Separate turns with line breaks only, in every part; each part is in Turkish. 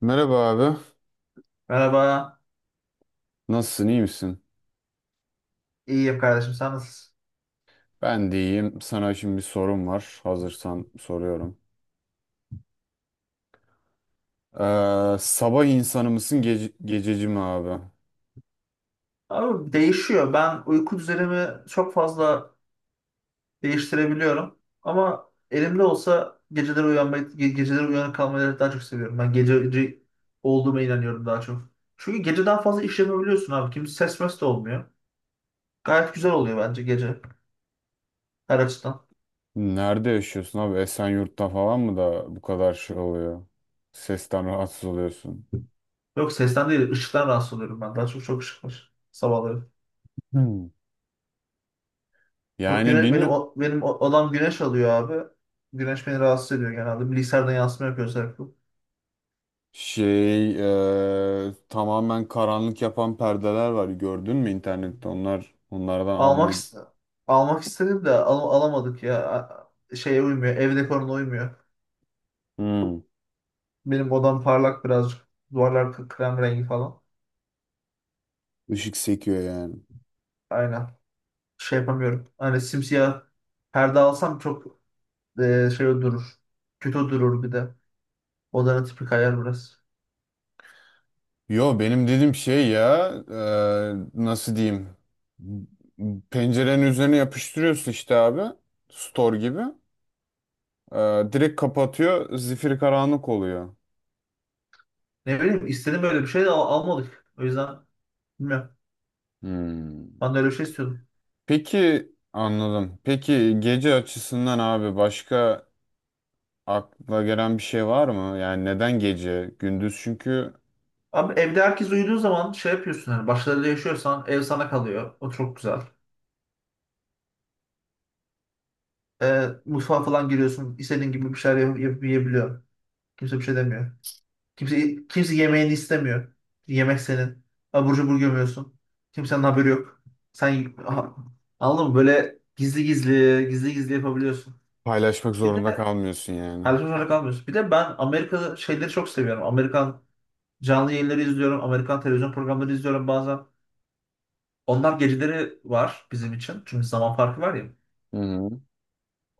Merhaba abi.
Merhaba.
Nasılsın, iyi misin?
İyiyim kardeşim. Sen nasılsın?
Ben de iyiyim. Sana şimdi bir sorum var. Hazırsan soruyorum. Sabah insanı mısın, gececi mi abi?
Abi değişiyor. Ben uyku düzenimi çok fazla değiştirebiliyorum. Ama elimde olsa geceleri uyanmayı, geceleri uyanık kalmayı daha çok seviyorum. Ben gececi olduğuma inanıyorum daha çok. Çünkü geceden fazla iş yapabiliyorsun abi. Kimse ses mes de olmuyor. Gayet güzel oluyor bence gece her açıdan.
Nerede yaşıyorsun abi? Esenyurt'ta falan mı da bu kadar şey oluyor? Sesten rahatsız oluyorsun.
Yok, sesten değil, ışıktan rahatsız oluyorum ben. Daha çok ışık var sabahları.
Hmm.
Yok
Yani
güne, benim
bilmiyorum.
o- benim o- odam güneş alıyor abi. Güneş beni rahatsız ediyor genelde. Bilgisayardan yansıma yapıyor sürekli.
Şey, tamamen karanlık yapan perdeler var. Gördün mü internette? Onlardan
Almak
almayı...
ist- almak istedim de alamadık ya. Şeye uymuyor. Ev dekoruna uymuyor.
Hmm.
Benim odam parlak birazcık. Duvarlar krem rengi falan.
Işık sekiyor yani.
Aynen. Şey yapamıyorum. Hani simsiyah perde alsam çok şey durur. Kötü durur bir de. Odanın tipi kayar biraz.
Yo benim dedim şey ya, nasıl diyeyim, pencerenin üzerine yapıştırıyorsun işte abi, store gibi. E, Direkt kapatıyor, zifiri karanlık oluyor.
Ne bileyim istedim böyle bir şey de almadık. O yüzden bilmiyorum.
Hmm.
Ben de öyle bir şey istiyordum.
Peki anladım. Peki gece açısından abi başka akla gelen bir şey var mı? Yani neden gece? Gündüz çünkü
Abi evde herkes uyuduğu zaman şey yapıyorsun, hani başkalarıyla yaşıyorsan ev sana kalıyor. O çok güzel. Mutfağa falan giriyorsun, istediğin gibi bir şeyler yapıp yiyebiliyor. Kimse bir şey demiyor. Kimse yemeğini istemiyor. Yemek senin. Abur cubur gömüyorsun. Kimsenin haberi yok. Sen aha, anladın mı? Böyle gizli gizli, gizli gizli yapabiliyorsun.
paylaşmak
Bir
zorunda
de
kalmıyorsun yani.
televizyonda kalmıyorsun. Bir de ben Amerika şeyleri çok seviyorum. Amerikan canlı yayınları izliyorum. Amerikan televizyon programları izliyorum bazen. Onlar geceleri var bizim için. Çünkü zaman farkı var ya.
Hı hı.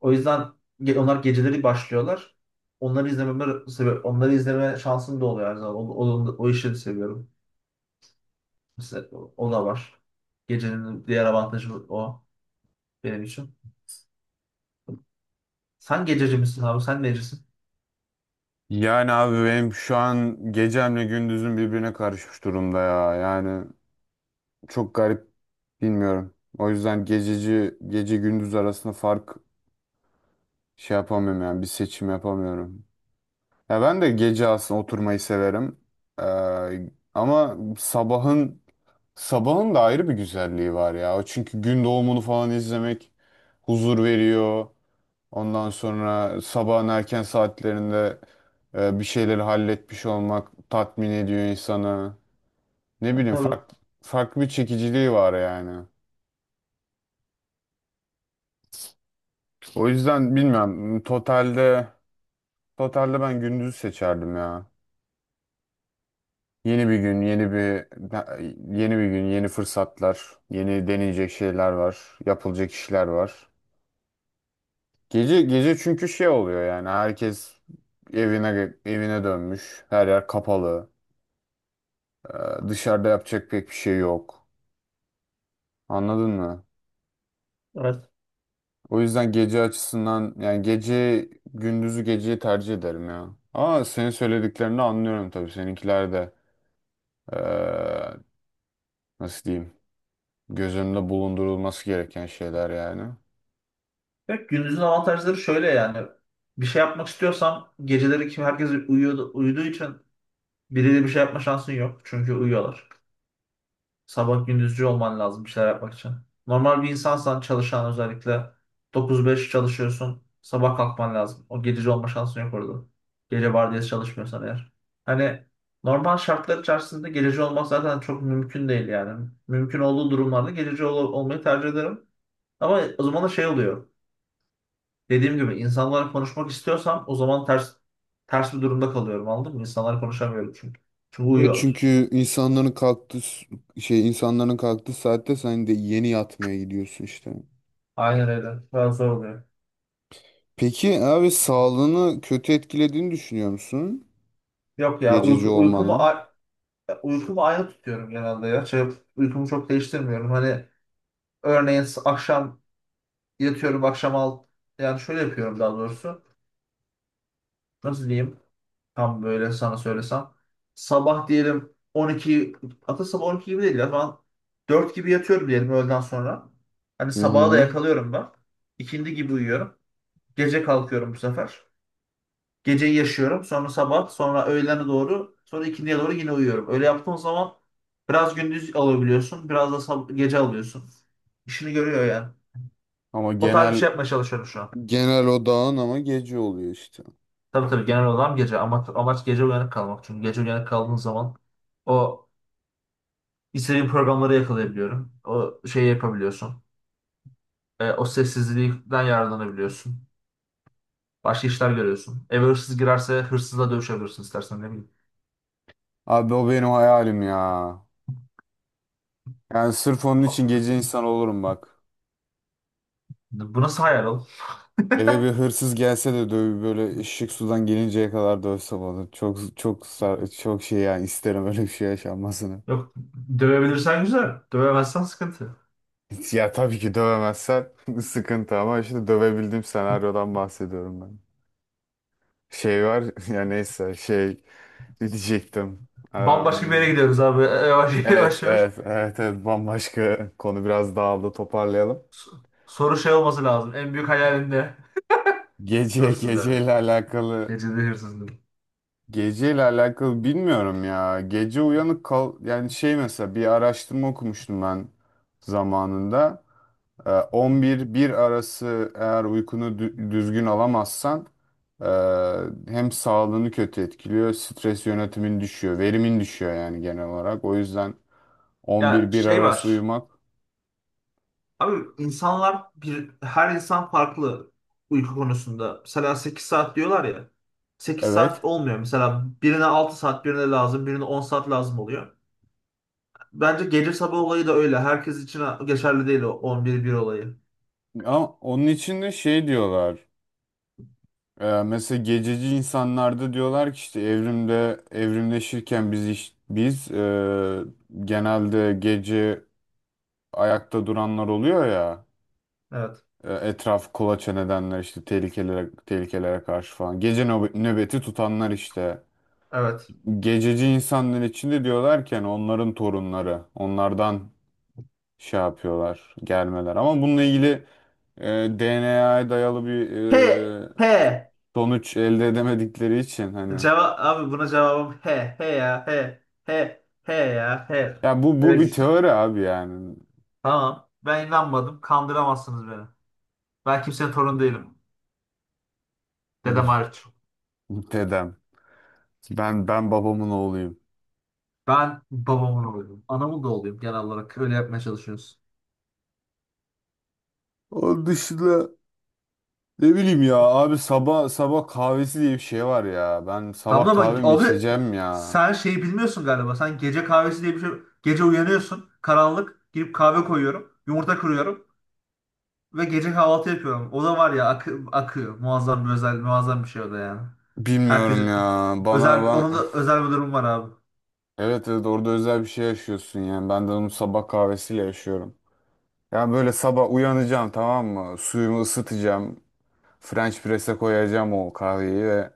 O yüzden onlar geceleri başlıyorlar. Onları izlememe sebep, onları izleme şansım da oluyor her zaman. O işi de seviyorum. Mesela o da var. Gecenin diğer avantajı o benim için. Sen gececi misin abi? Sen necisin?
Yani abi benim şu an gecemle gündüzüm birbirine karışmış durumda ya yani. Çok garip, bilmiyorum. O yüzden gececi gece gündüz arasında fark şey yapamıyorum, yani bir seçim yapamıyorum. Ya ben de gece aslında oturmayı severim. Ee, ama sabahın da ayrı bir güzelliği var ya. O çünkü gün doğumunu falan izlemek huzur veriyor. Ondan sonra sabahın erken saatlerinde bir şeyleri halletmiş olmak tatmin ediyor insanı. Ne
Ha,
bileyim,
tabii.
farklı, farklı bir çekiciliği var yani. O yüzden bilmiyorum. Totalde ben gündüzü seçerdim ya. Yeni bir gün, yeni bir gün, yeni fırsatlar, yeni deneyecek şeyler var, yapılacak işler var. Gece, gece çünkü şey oluyor yani, herkes evine dönmüş. Her yer kapalı. Ee, Dışarıda yapacak pek bir şey yok. Anladın mı?
Evet.
O yüzden gece açısından yani gündüzü geceyi tercih ederim ya. Ama senin söylediklerini anlıyorum tabii, seninkiler de nasıl diyeyim, göz önünde bulundurulması gereken şeyler yani.
Evet, gündüzün avantajları şöyle yani. Bir şey yapmak istiyorsan geceleri kim herkes uyuyordu, uyuduğu için biriyle bir şey yapma şansın yok. Çünkü uyuyorlar. Sabah gündüzcü olman lazım bir şeyler yapmak için. Normal bir insansan, çalışan özellikle, 9-5 çalışıyorsun. Sabah kalkman lazım. O gececi olma şansın yok orada. Gece vardiyası çalışmıyorsan eğer. Hani normal şartlar içerisinde gececi olmak zaten çok mümkün değil yani. Mümkün olduğu durumlarda gececi olmayı tercih ederim. Ama o zaman da şey oluyor. Dediğim gibi insanlarla konuşmak istiyorsam o zaman ters bir durumda kalıyorum, anladın mı? İnsanlarla konuşamıyorum çünkü. Çünkü
Evet
uyuyorlar.
çünkü şey, insanların kalktığı saatte sen de yeni yatmaya gidiyorsun işte.
Aynen öyle. Biraz zor oluyor.
Peki abi sağlığını kötü etkilediğini düşünüyor musun?
Yok ya
Gececi
uyku, uykumu
olmanın.
Ya, uykumu aynı tutuyorum genelde ya. Uykumu çok değiştirmiyorum. Hani örneğin akşam yatıyorum akşam al. Yani şöyle yapıyorum daha doğrusu. Nasıl diyeyim? Tam böyle sana söylesem. Sabah diyelim 12 hatta Sabah 12 gibi değil ya. Ben 4 gibi yatıyorum diyelim öğleden sonra. Hani
Hı
sabaha da
hı.
yakalıyorum ben. İkindi gibi uyuyorum. Gece kalkıyorum bu sefer. Geceyi yaşıyorum. Sonra sabah, sonra öğlene doğru, sonra ikindiye doğru yine uyuyorum. Öyle yaptığın zaman biraz gündüz alabiliyorsun, biraz da gece alıyorsun. İşini görüyor yani.
Ama
O tarz bir
genel,
şey yapmaya çalışıyorum şu an.
genel odağın ama gece oluyor işte.
Tabii tabii, genel olarak gece. Ama amaç gece uyanık kalmak. Çünkü gece uyanık kaldığın zaman o istediğin programları yakalayabiliyorum. O şeyi yapabiliyorsun. O sessizlikten yararlanabiliyorsun. Başka işler görüyorsun. Eve hırsız girerse hırsızla dövüşebilirsin istersen ne bileyim.
Abi o benim hayalim ya. Yani sırf onun için
Ha-
gece insan olurum bak.
Bu nasıl hayal.
Eve bir hırsız gelse de döv, böyle ışık sudan gelinceye kadar dövsem onu. Çok şey yani, isterim öyle bir şey yaşanmasını.
Yok, dövebilirsen güzel. Dövemezsen sıkıntı.
Ya tabii ki dövemezsen sıkıntı, ama işte dövebildiğim senaryodan bahsediyorum ben. Şey var, ya neyse şey diyecektim.
Bambaşka bir yere
Em,
gidiyoruz abi. Yavaş
evet
yavaş yavaş.
evet evet evet, bambaşka konu, biraz dağıldı, toparlayalım.
So- Soru şey olması lazım. En büyük hayalin ne?
Gece,
Hırsız demek.
geceyle alakalı,
Gecede hırsız demek.
geceyle alakalı bilmiyorum ya. Gece uyanık kal, yani şey, mesela bir araştırma okumuştum ben zamanında. On bir bir arası eğer düzgün alamazsan, e, hem sağlığını kötü etkiliyor, stres yönetimin düşüyor, verimin düşüyor yani genel olarak. O yüzden on
Ya
bir bir
şey
arası
var.
uyumak.
Abi insanlar bir, her insan farklı uyku konusunda. Mesela 8 saat diyorlar ya. 8
Evet.
saat olmuyor. Mesela birine 6 saat, birine lazım, birine 10 saat lazım oluyor. Bence gece sabah olayı da öyle. Herkes için geçerli değil o 11-1 olayı.
Ama onun için de şey diyorlar. Mesela gececi insanlarda diyorlar ki işte, evrimde evrimleşirken biz genelde gece ayakta duranlar oluyor ya,
Evet.
etraf kolaçan edenler işte, tehlikelere karşı falan gece nöbeti tutanlar işte,
Evet.
gececi insanların içinde diyorlarken onların torunları onlardan şey yapıyorlar, gelmeler ama bununla ilgili DNA'ya dayalı bir
He,
e,
he.
sonuç elde edemedikleri için hani.
Cevap, abi buna cevabım he he ya he, he he ya he.
Ya bu
Öyle.
bir teori abi yani.
Tamam. Ben inanmadım. Kandıramazsınız beni. Ben kimsenin torunu değilim. Dedem hariç.
Dedem. Ben babamın oğluyum.
Ben babamın oğluyum. Anamın da oğluyum genel olarak. Öyle yapmaya çalışıyoruz.
Onun dışında ne bileyim ya abi, sabah sabah kahvesi diye bir şey var ya. Ben sabah
Tamam ama
kahvemi
abi
içeceğim ya.
sen şeyi bilmiyorsun galiba. Sen gece kahvesi diye bir şey. Gece uyanıyorsun. Karanlık. Girip kahve koyuyorum. Yumurta kırıyorum. Ve gece kahvaltı yapıyorum. O da var ya, akıyor. Muazzam bir şey o da yani. Herkes
Bilmiyorum ya. Bana
özel, onun
ben
da özel bir durum var abi.
evet evet, orada özel bir şey yaşıyorsun yani. Ben de onu sabah kahvesiyle yaşıyorum. Yani böyle sabah uyanacağım, tamam mı? Suyumu ısıtacağım. French press'e koyacağım o kahveyi ve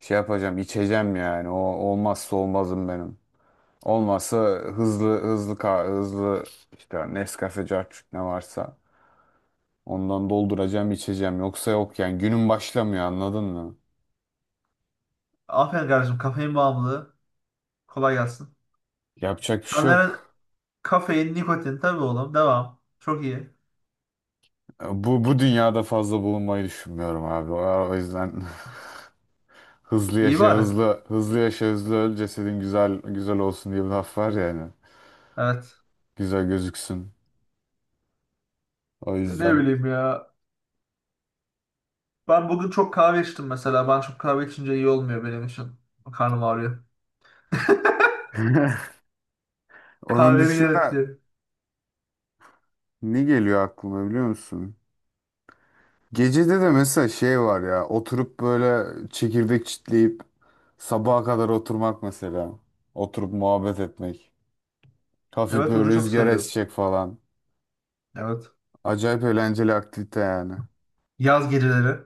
şey yapacağım, içeceğim yani. O olmazsa olmazım benim. Olmazsa hızlı hızlı ka- hızlı işte Nescafe carçuk ne varsa ondan dolduracağım, içeceğim. Yoksa yok yani, günün başlamıyor, anladın mı?
Aferin kardeşim, kafein bağımlılığı. Kolay gelsin.
Yapacak bir şey
Senlerin
yok.
kafein, nikotin tabii oğlum. Devam. Çok iyi.
Bu bu dünyada fazla bulunmayı düşünmüyorum abi. O yüzden hızlı
İyi
yaşa
bari.
hızlı hızlı yaşa hızlı öl, cesedin güzel olsun diye bir laf var yani.
Evet.
Güzel gözüksün. O
Ne
yüzden.
bileyim ya. Ben bugün çok kahve içtim mesela. Ben çok kahve içince iyi olmuyor benim için. Karnım ağrıyor.
Onun
Kahvenin
dışında
gerekli.
ne geliyor aklıma biliyor musun? Gecede de mesela şey var ya, oturup böyle çekirdek çitleyip sabaha kadar oturmak mesela. Oturup muhabbet etmek. Hafif
Evet, o
böyle
da çok
rüzgar
sarıyor.
esecek falan.
Evet.
Acayip eğlenceli aktivite yani.
Yaz geceleri.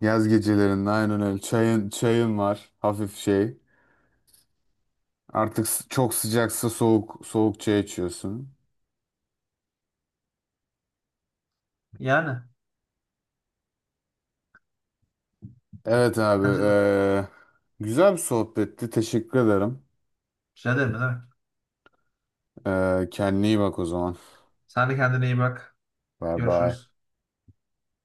Yaz gecelerinde aynen öyle. Çayın var hafif şey. Çok sıcaksa soğuk soğuk çay içiyorsun.
Yani.
Evet abi,
Bence de.
güzel bir sohbetti. Teşekkür ederim.
Rica ederim, ne demek.
Kendine iyi bak o zaman.
Sen de kendine iyi bak.
Bye bye.
Görüşürüz.